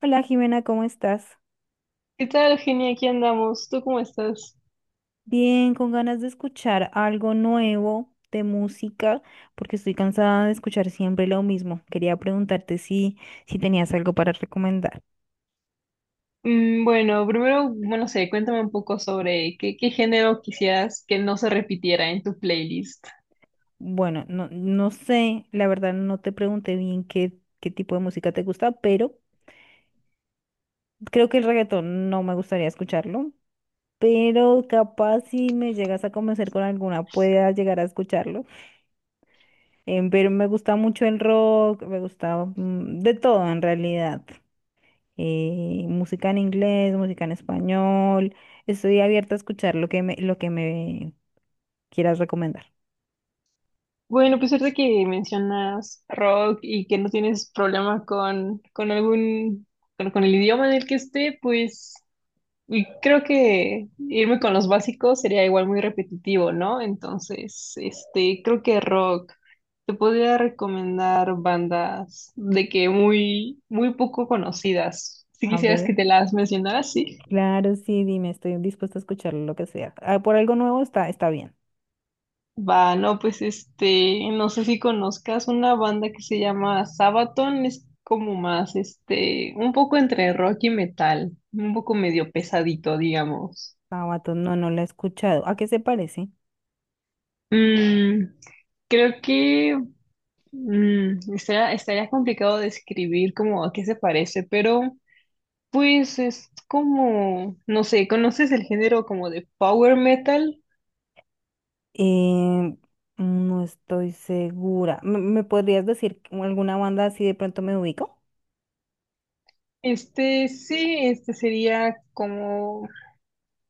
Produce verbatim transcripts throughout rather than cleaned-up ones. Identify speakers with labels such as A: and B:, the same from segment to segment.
A: Hola Jimena, ¿cómo estás?
B: ¿Qué tal, Genia? Aquí andamos. ¿Tú cómo estás?
A: Bien, con ganas de escuchar algo nuevo de música, porque estoy cansada de escuchar siempre lo mismo. Quería preguntarte si, si tenías algo para recomendar.
B: Mm, bueno, primero, bueno, no sé, cuéntame un poco sobre qué, qué género quisieras que no se repitiera en tu playlist.
A: Bueno, no, no sé, la verdad no te pregunté bien qué, qué tipo de música te gusta, pero creo que el reggaetón no me gustaría escucharlo, pero capaz si me llegas a convencer con alguna, pueda llegar a escucharlo. Em, pero me gusta mucho el rock, me gusta mm, de todo en realidad. Eh, música en inglés, música en español. Estoy abierta a escuchar lo que me, lo que me quieras recomendar.
B: Bueno, pues ahorita que mencionas rock y que no tienes problema con, con algún, con, con el idioma en el que esté, pues y creo que irme con los básicos sería igual muy repetitivo, ¿no? Entonces, este, creo que rock. Te podría recomendar bandas de que muy, muy poco conocidas. Si
A: A
B: quisieras
A: ver,
B: que te las mencionara, sí.
A: claro, sí, dime, estoy dispuesta a escuchar lo que sea. Ah, por algo nuevo está, está bien.
B: Va, no, pues este, no sé si conozcas una banda que se llama Sabaton. Es como más, este, un poco entre rock y metal, un poco medio pesadito, digamos.
A: Sabaton, no, no la he escuchado. ¿A qué se parece?
B: Mm, creo que Mm, estaría, estaría complicado describir como a qué se parece, pero pues es como, no sé, ¿conoces el género como de power metal?
A: Eh, no estoy segura. ¿Me, me podrías decir alguna banda así de pronto me ubico?
B: Este sí, este sería como,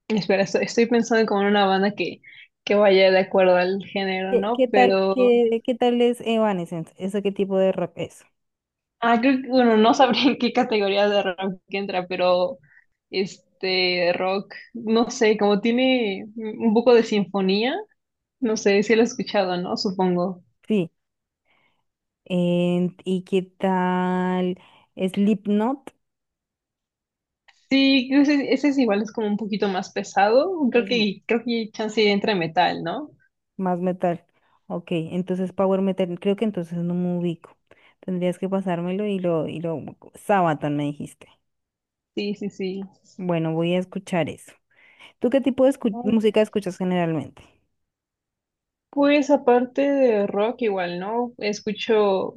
B: espera, estoy, estoy pensando como en una banda que, que vaya de acuerdo al género,
A: ¿Qué,
B: ¿no?
A: qué tal,
B: Pero
A: qué, qué tal es Evanescence? ¿Eso qué tipo de rock es?
B: ah, creo que, bueno, no sabría en qué categoría de rock que entra, pero este rock, no sé, como tiene un poco de sinfonía, no sé si lo he escuchado, ¿no? Supongo.
A: Sí. En- ¿y qué tal Slipknot?
B: Sí, ese, ese es igual, es como un poquito más pesado. Creo
A: Es m-
B: que, creo que chance entre metal, ¿no?
A: Más metal. Ok, entonces Power Metal, creo que entonces no me ubico. Tendrías que pasármelo y lo, y lo, Sabaton me dijiste.
B: Sí, sí, sí.
A: Bueno, voy a escuchar eso. ¿Tú qué tipo de escu-
B: No,
A: música escuchas generalmente?
B: pues aparte de rock, igual, ¿no? Escucho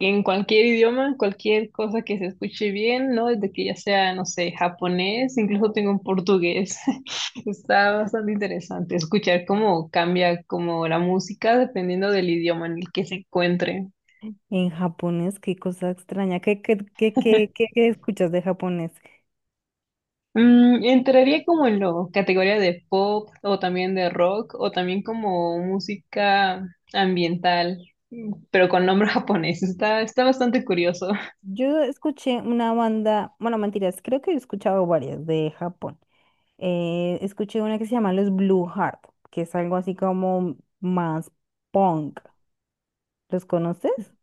B: en cualquier idioma, cualquier cosa que se escuche bien, ¿no? Desde que ya sea, no sé, japonés, incluso tengo un portugués. Está bastante interesante escuchar cómo cambia como la música dependiendo del idioma en el que se encuentre.
A: En japonés, qué cosa extraña. ¿Qué, qué, qué, qué, qué- qué escuchas de japonés?
B: Mm, entraría como en la categoría de pop o también de rock o también como música ambiental, mm, pero con nombre japonés. Está, está bastante curioso.
A: Yo escuché una banda, bueno, mentiras, creo que he escuchado varias de Japón. Eh, escuché una que se llama Los Blue Heart, que es algo así como más punk. ¿Los conoces?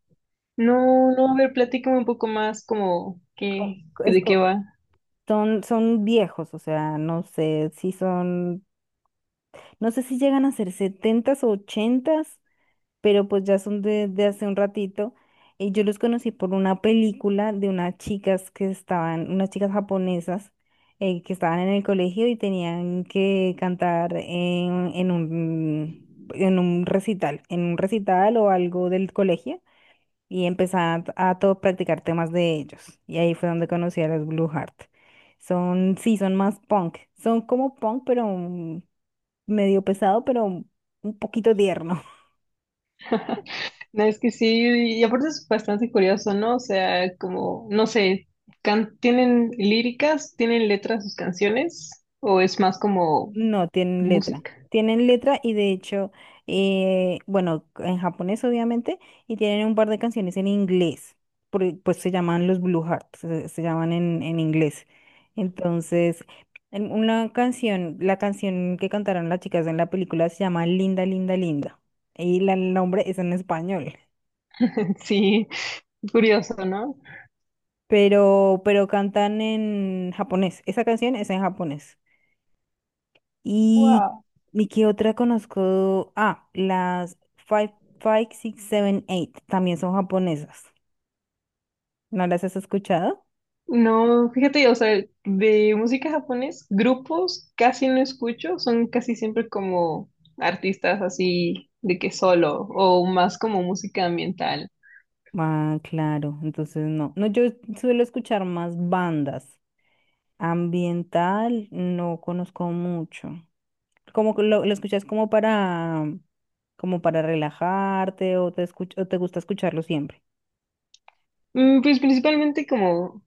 B: No, no, a ver, platícame un poco más como
A: Co-
B: qué,
A: es
B: de qué
A: co-
B: va.
A: Son, son viejos, o sea, no sé si son, no sé si llegan a ser setentas o ochentas, pero pues ya son de, de hace un ratito. Y yo los conocí por una película de unas chicas que estaban, unas chicas japonesas eh, que estaban en el colegio y tenían que cantar en, en un, en un recital, en un recital o algo del colegio y empezaban a, a todo practicar temas de ellos. Y ahí fue donde conocí a los Blue Heart. Son, sí, son más punk. Son como punk, pero mm, medio pesado, pero un poquito tierno.
B: No, es que sí, y aparte es bastante curioso, ¿no? O sea, como, no sé, can- ¿tienen líricas? ¿Tienen letras sus canciones? ¿O es más como
A: No, tienen letra.
B: música?
A: Tienen letra y de hecho, eh, bueno, en japonés obviamente, y tienen un par de canciones en inglés, por- e, pues se llaman los Blue Hearts, se, se llaman en, en inglés. Entonces, en una canción, la canción que cantaron las chicas en la película se llama Linda, Linda, Linda. Y la- el nombre es en español,
B: Sí, curioso, ¿no?
A: pero, pero cantan en japonés. Esa canción es en japonés. Y,
B: Wow.
A: ¿y qué otra conozco? Ah, las Five, Five, Six, Seven, Eight. También son japonesas. ¿No las has escuchado?
B: No, fíjate, o sea, de música japonés, grupos casi no escucho, son casi siempre como artistas así de que solo o más como música ambiental.
A: Ah, claro. Entonces no. No, yo suelo escuchar más bandas. Ambiental no conozco mucho. Como que lo, lo escuchas como para, como para relajarte o te escuch- o te gusta escucharlo siempre.
B: Mm, pues principalmente como,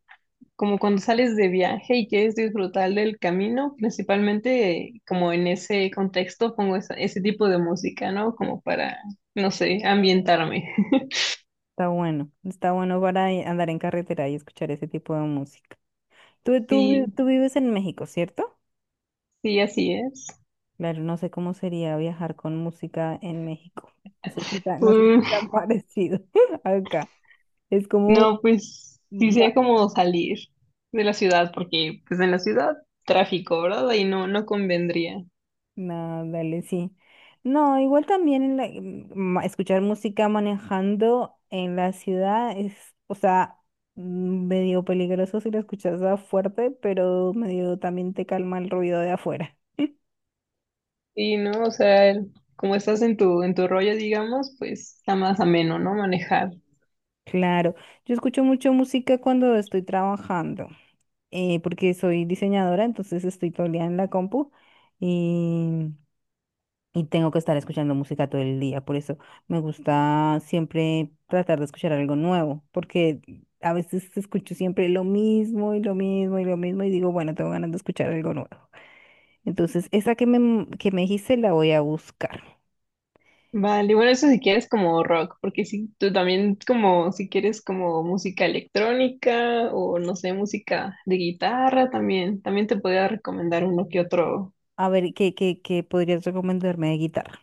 B: como cuando sales de viaje y quieres disfrutar del camino, principalmente como en ese contexto pongo esa- ese tipo de música, ¿no? Como para, no sé, ambientarme.
A: Está bueno. Está bueno para eh, andar en carretera y escuchar ese tipo de música. Tú, tú, vi-
B: Sí,
A: tú vives en México, ¿cierto?
B: sí, así es.
A: Claro, no sé cómo sería viajar con música en México. No sé si tan, no sé si tan parecido acá. Es como,
B: No, pues sí
A: ma-
B: sería como salir de la ciudad, porque pues en la ciudad tráfico, ¿verdad? Y no, no convendría.
A: no, dale, sí. No, igual también en la- en ma- escuchar música manejando en la ciudad es, o sea, mm, medio peligroso si la escuchas a fuerte, pero medio también te calma el ruido de afuera.
B: Y no, o sea, el- como estás en tu, en tu rollo, digamos, pues está más ameno, ¿no? Manejar.
A: Claro, yo escucho mucho música cuando estoy trabajando. Eh, porque soy diseñadora, entonces estoy todo el día en la compu y, y tengo que estar escuchando música todo el día. Por eso me gusta siempre tratar de escuchar algo nuevo, porque a veces escucho siempre lo mismo y lo mismo y lo mismo y digo, bueno, tengo ganas de escuchar algo nuevo. Entonces, esa que me, que me dijiste la voy a buscar.
B: Vale, bueno, eso si quieres como rock, porque si tú también como, si quieres como música electrónica o no sé, música de guitarra también, también te podría recomendar uno que otro
A: A ver, ¿qué, qué, qué podrías recomendarme de guitarra?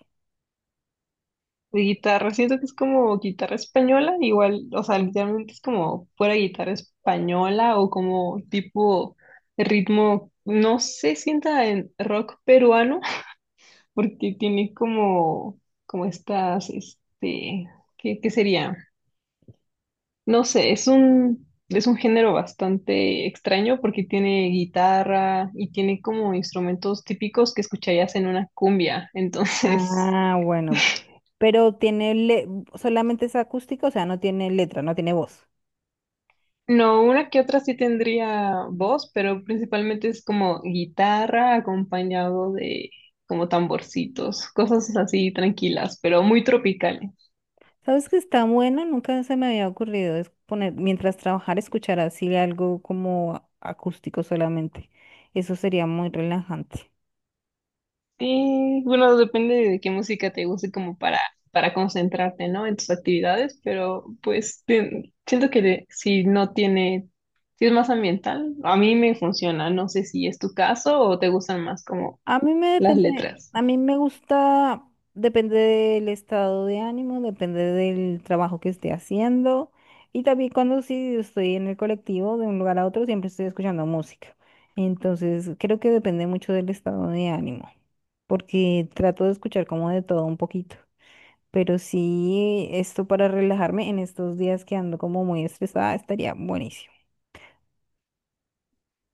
B: de guitarra. Siento que es como guitarra española, igual, o sea, literalmente es como fuera guitarra española o como tipo ritmo, no sé, sienta en rock peruano, porque tiene como, como estas, este, ¿qué, qué sería? No sé, es un, es un género bastante extraño porque tiene guitarra y tiene como instrumentos típicos que escucharías en una cumbia, entonces...
A: Ah, bueno, pero tiene le- solamente es acústica, o sea, no tiene letra, no tiene voz.
B: No, una que otra sí tendría voz, pero principalmente es como guitarra acompañado de como tamborcitos, cosas así tranquilas, pero muy tropicales.
A: ¿Sabes que está bueno? Nunca se me había ocurrido es poner, mientras trabajar, escuchar así algo como a- acústico solamente. Eso sería muy relajante.
B: Y bueno, depende de qué música te guste como para, para concentrarte, ¿no? En tus actividades, pero pues te- siento que de- si no tiene, si es más ambiental, a mí me funciona. No sé si es tu caso o te gustan más como
A: A mí me
B: las
A: depende,
B: letras.
A: a mí me gusta, depende del estado de ánimo, depende del trabajo que esté haciendo. Y también cuando sí estoy en el colectivo de un lugar a otro, siempre estoy escuchando música. Entonces, creo que depende mucho del estado de ánimo, porque trato de escuchar como de todo un poquito. Pero sí, esto para relajarme en estos días que ando como muy estresada estaría buenísimo.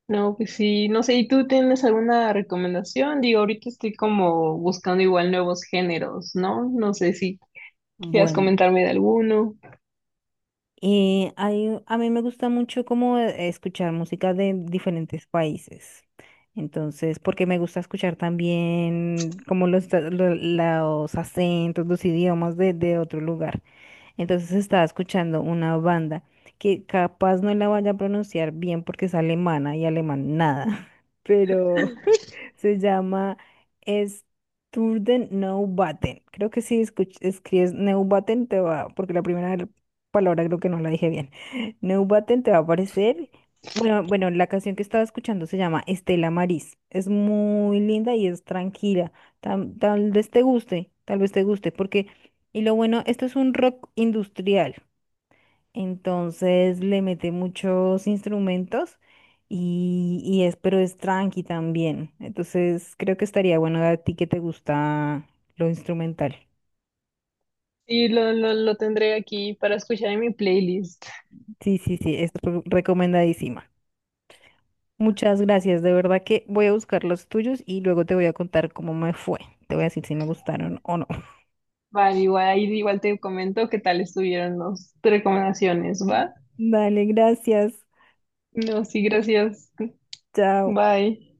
B: No, pues sí, no sé, ¿y tú tienes alguna recomendación? Digo, ahorita estoy como buscando igual nuevos géneros, ¿no? No sé si quisieras
A: Bueno,
B: comentarme de alguno.
A: eh, hay- a mí me gusta mucho como eh, escuchar música de diferentes países. Entonces, porque me gusta escuchar también como los, ta- lo- los acentos, los idiomas de, de otro lugar. Entonces estaba escuchando una banda que capaz no la vaya a pronunciar bien porque es alemana y alemán nada, pero… Se llama Sturden Neubauten. Creo que si escuch- escribes Neubauten te va, porque la primera palabra creo que no la dije bien. Neubauten te va a aparecer. Bueno, bueno, la canción que estaba escuchando se llama Estela Maris. Es muy linda y es tranquila. Tam- Tal vez te guste, tal vez te guste, porque, y lo bueno, esto es un rock industrial. Entonces le mete muchos instrumentos y, y es, pero es tranqui también. Entonces creo que estaría bueno a ti que te gusta lo instrumental.
B: Sí, lo, lo, lo tendré aquí para escuchar en mi playlist.
A: Sí, sí, sí, es re- recomendadísima. Muchas gracias, de verdad que voy a buscar los tuyos y luego te voy a contar cómo me fue. Te voy a decir si me gustaron o no.
B: Vale, igual, ahí igual te comento qué tal estuvieron las recomendaciones, ¿va?
A: Dale, gracias.
B: No, sí, gracias.
A: Chao.
B: Bye.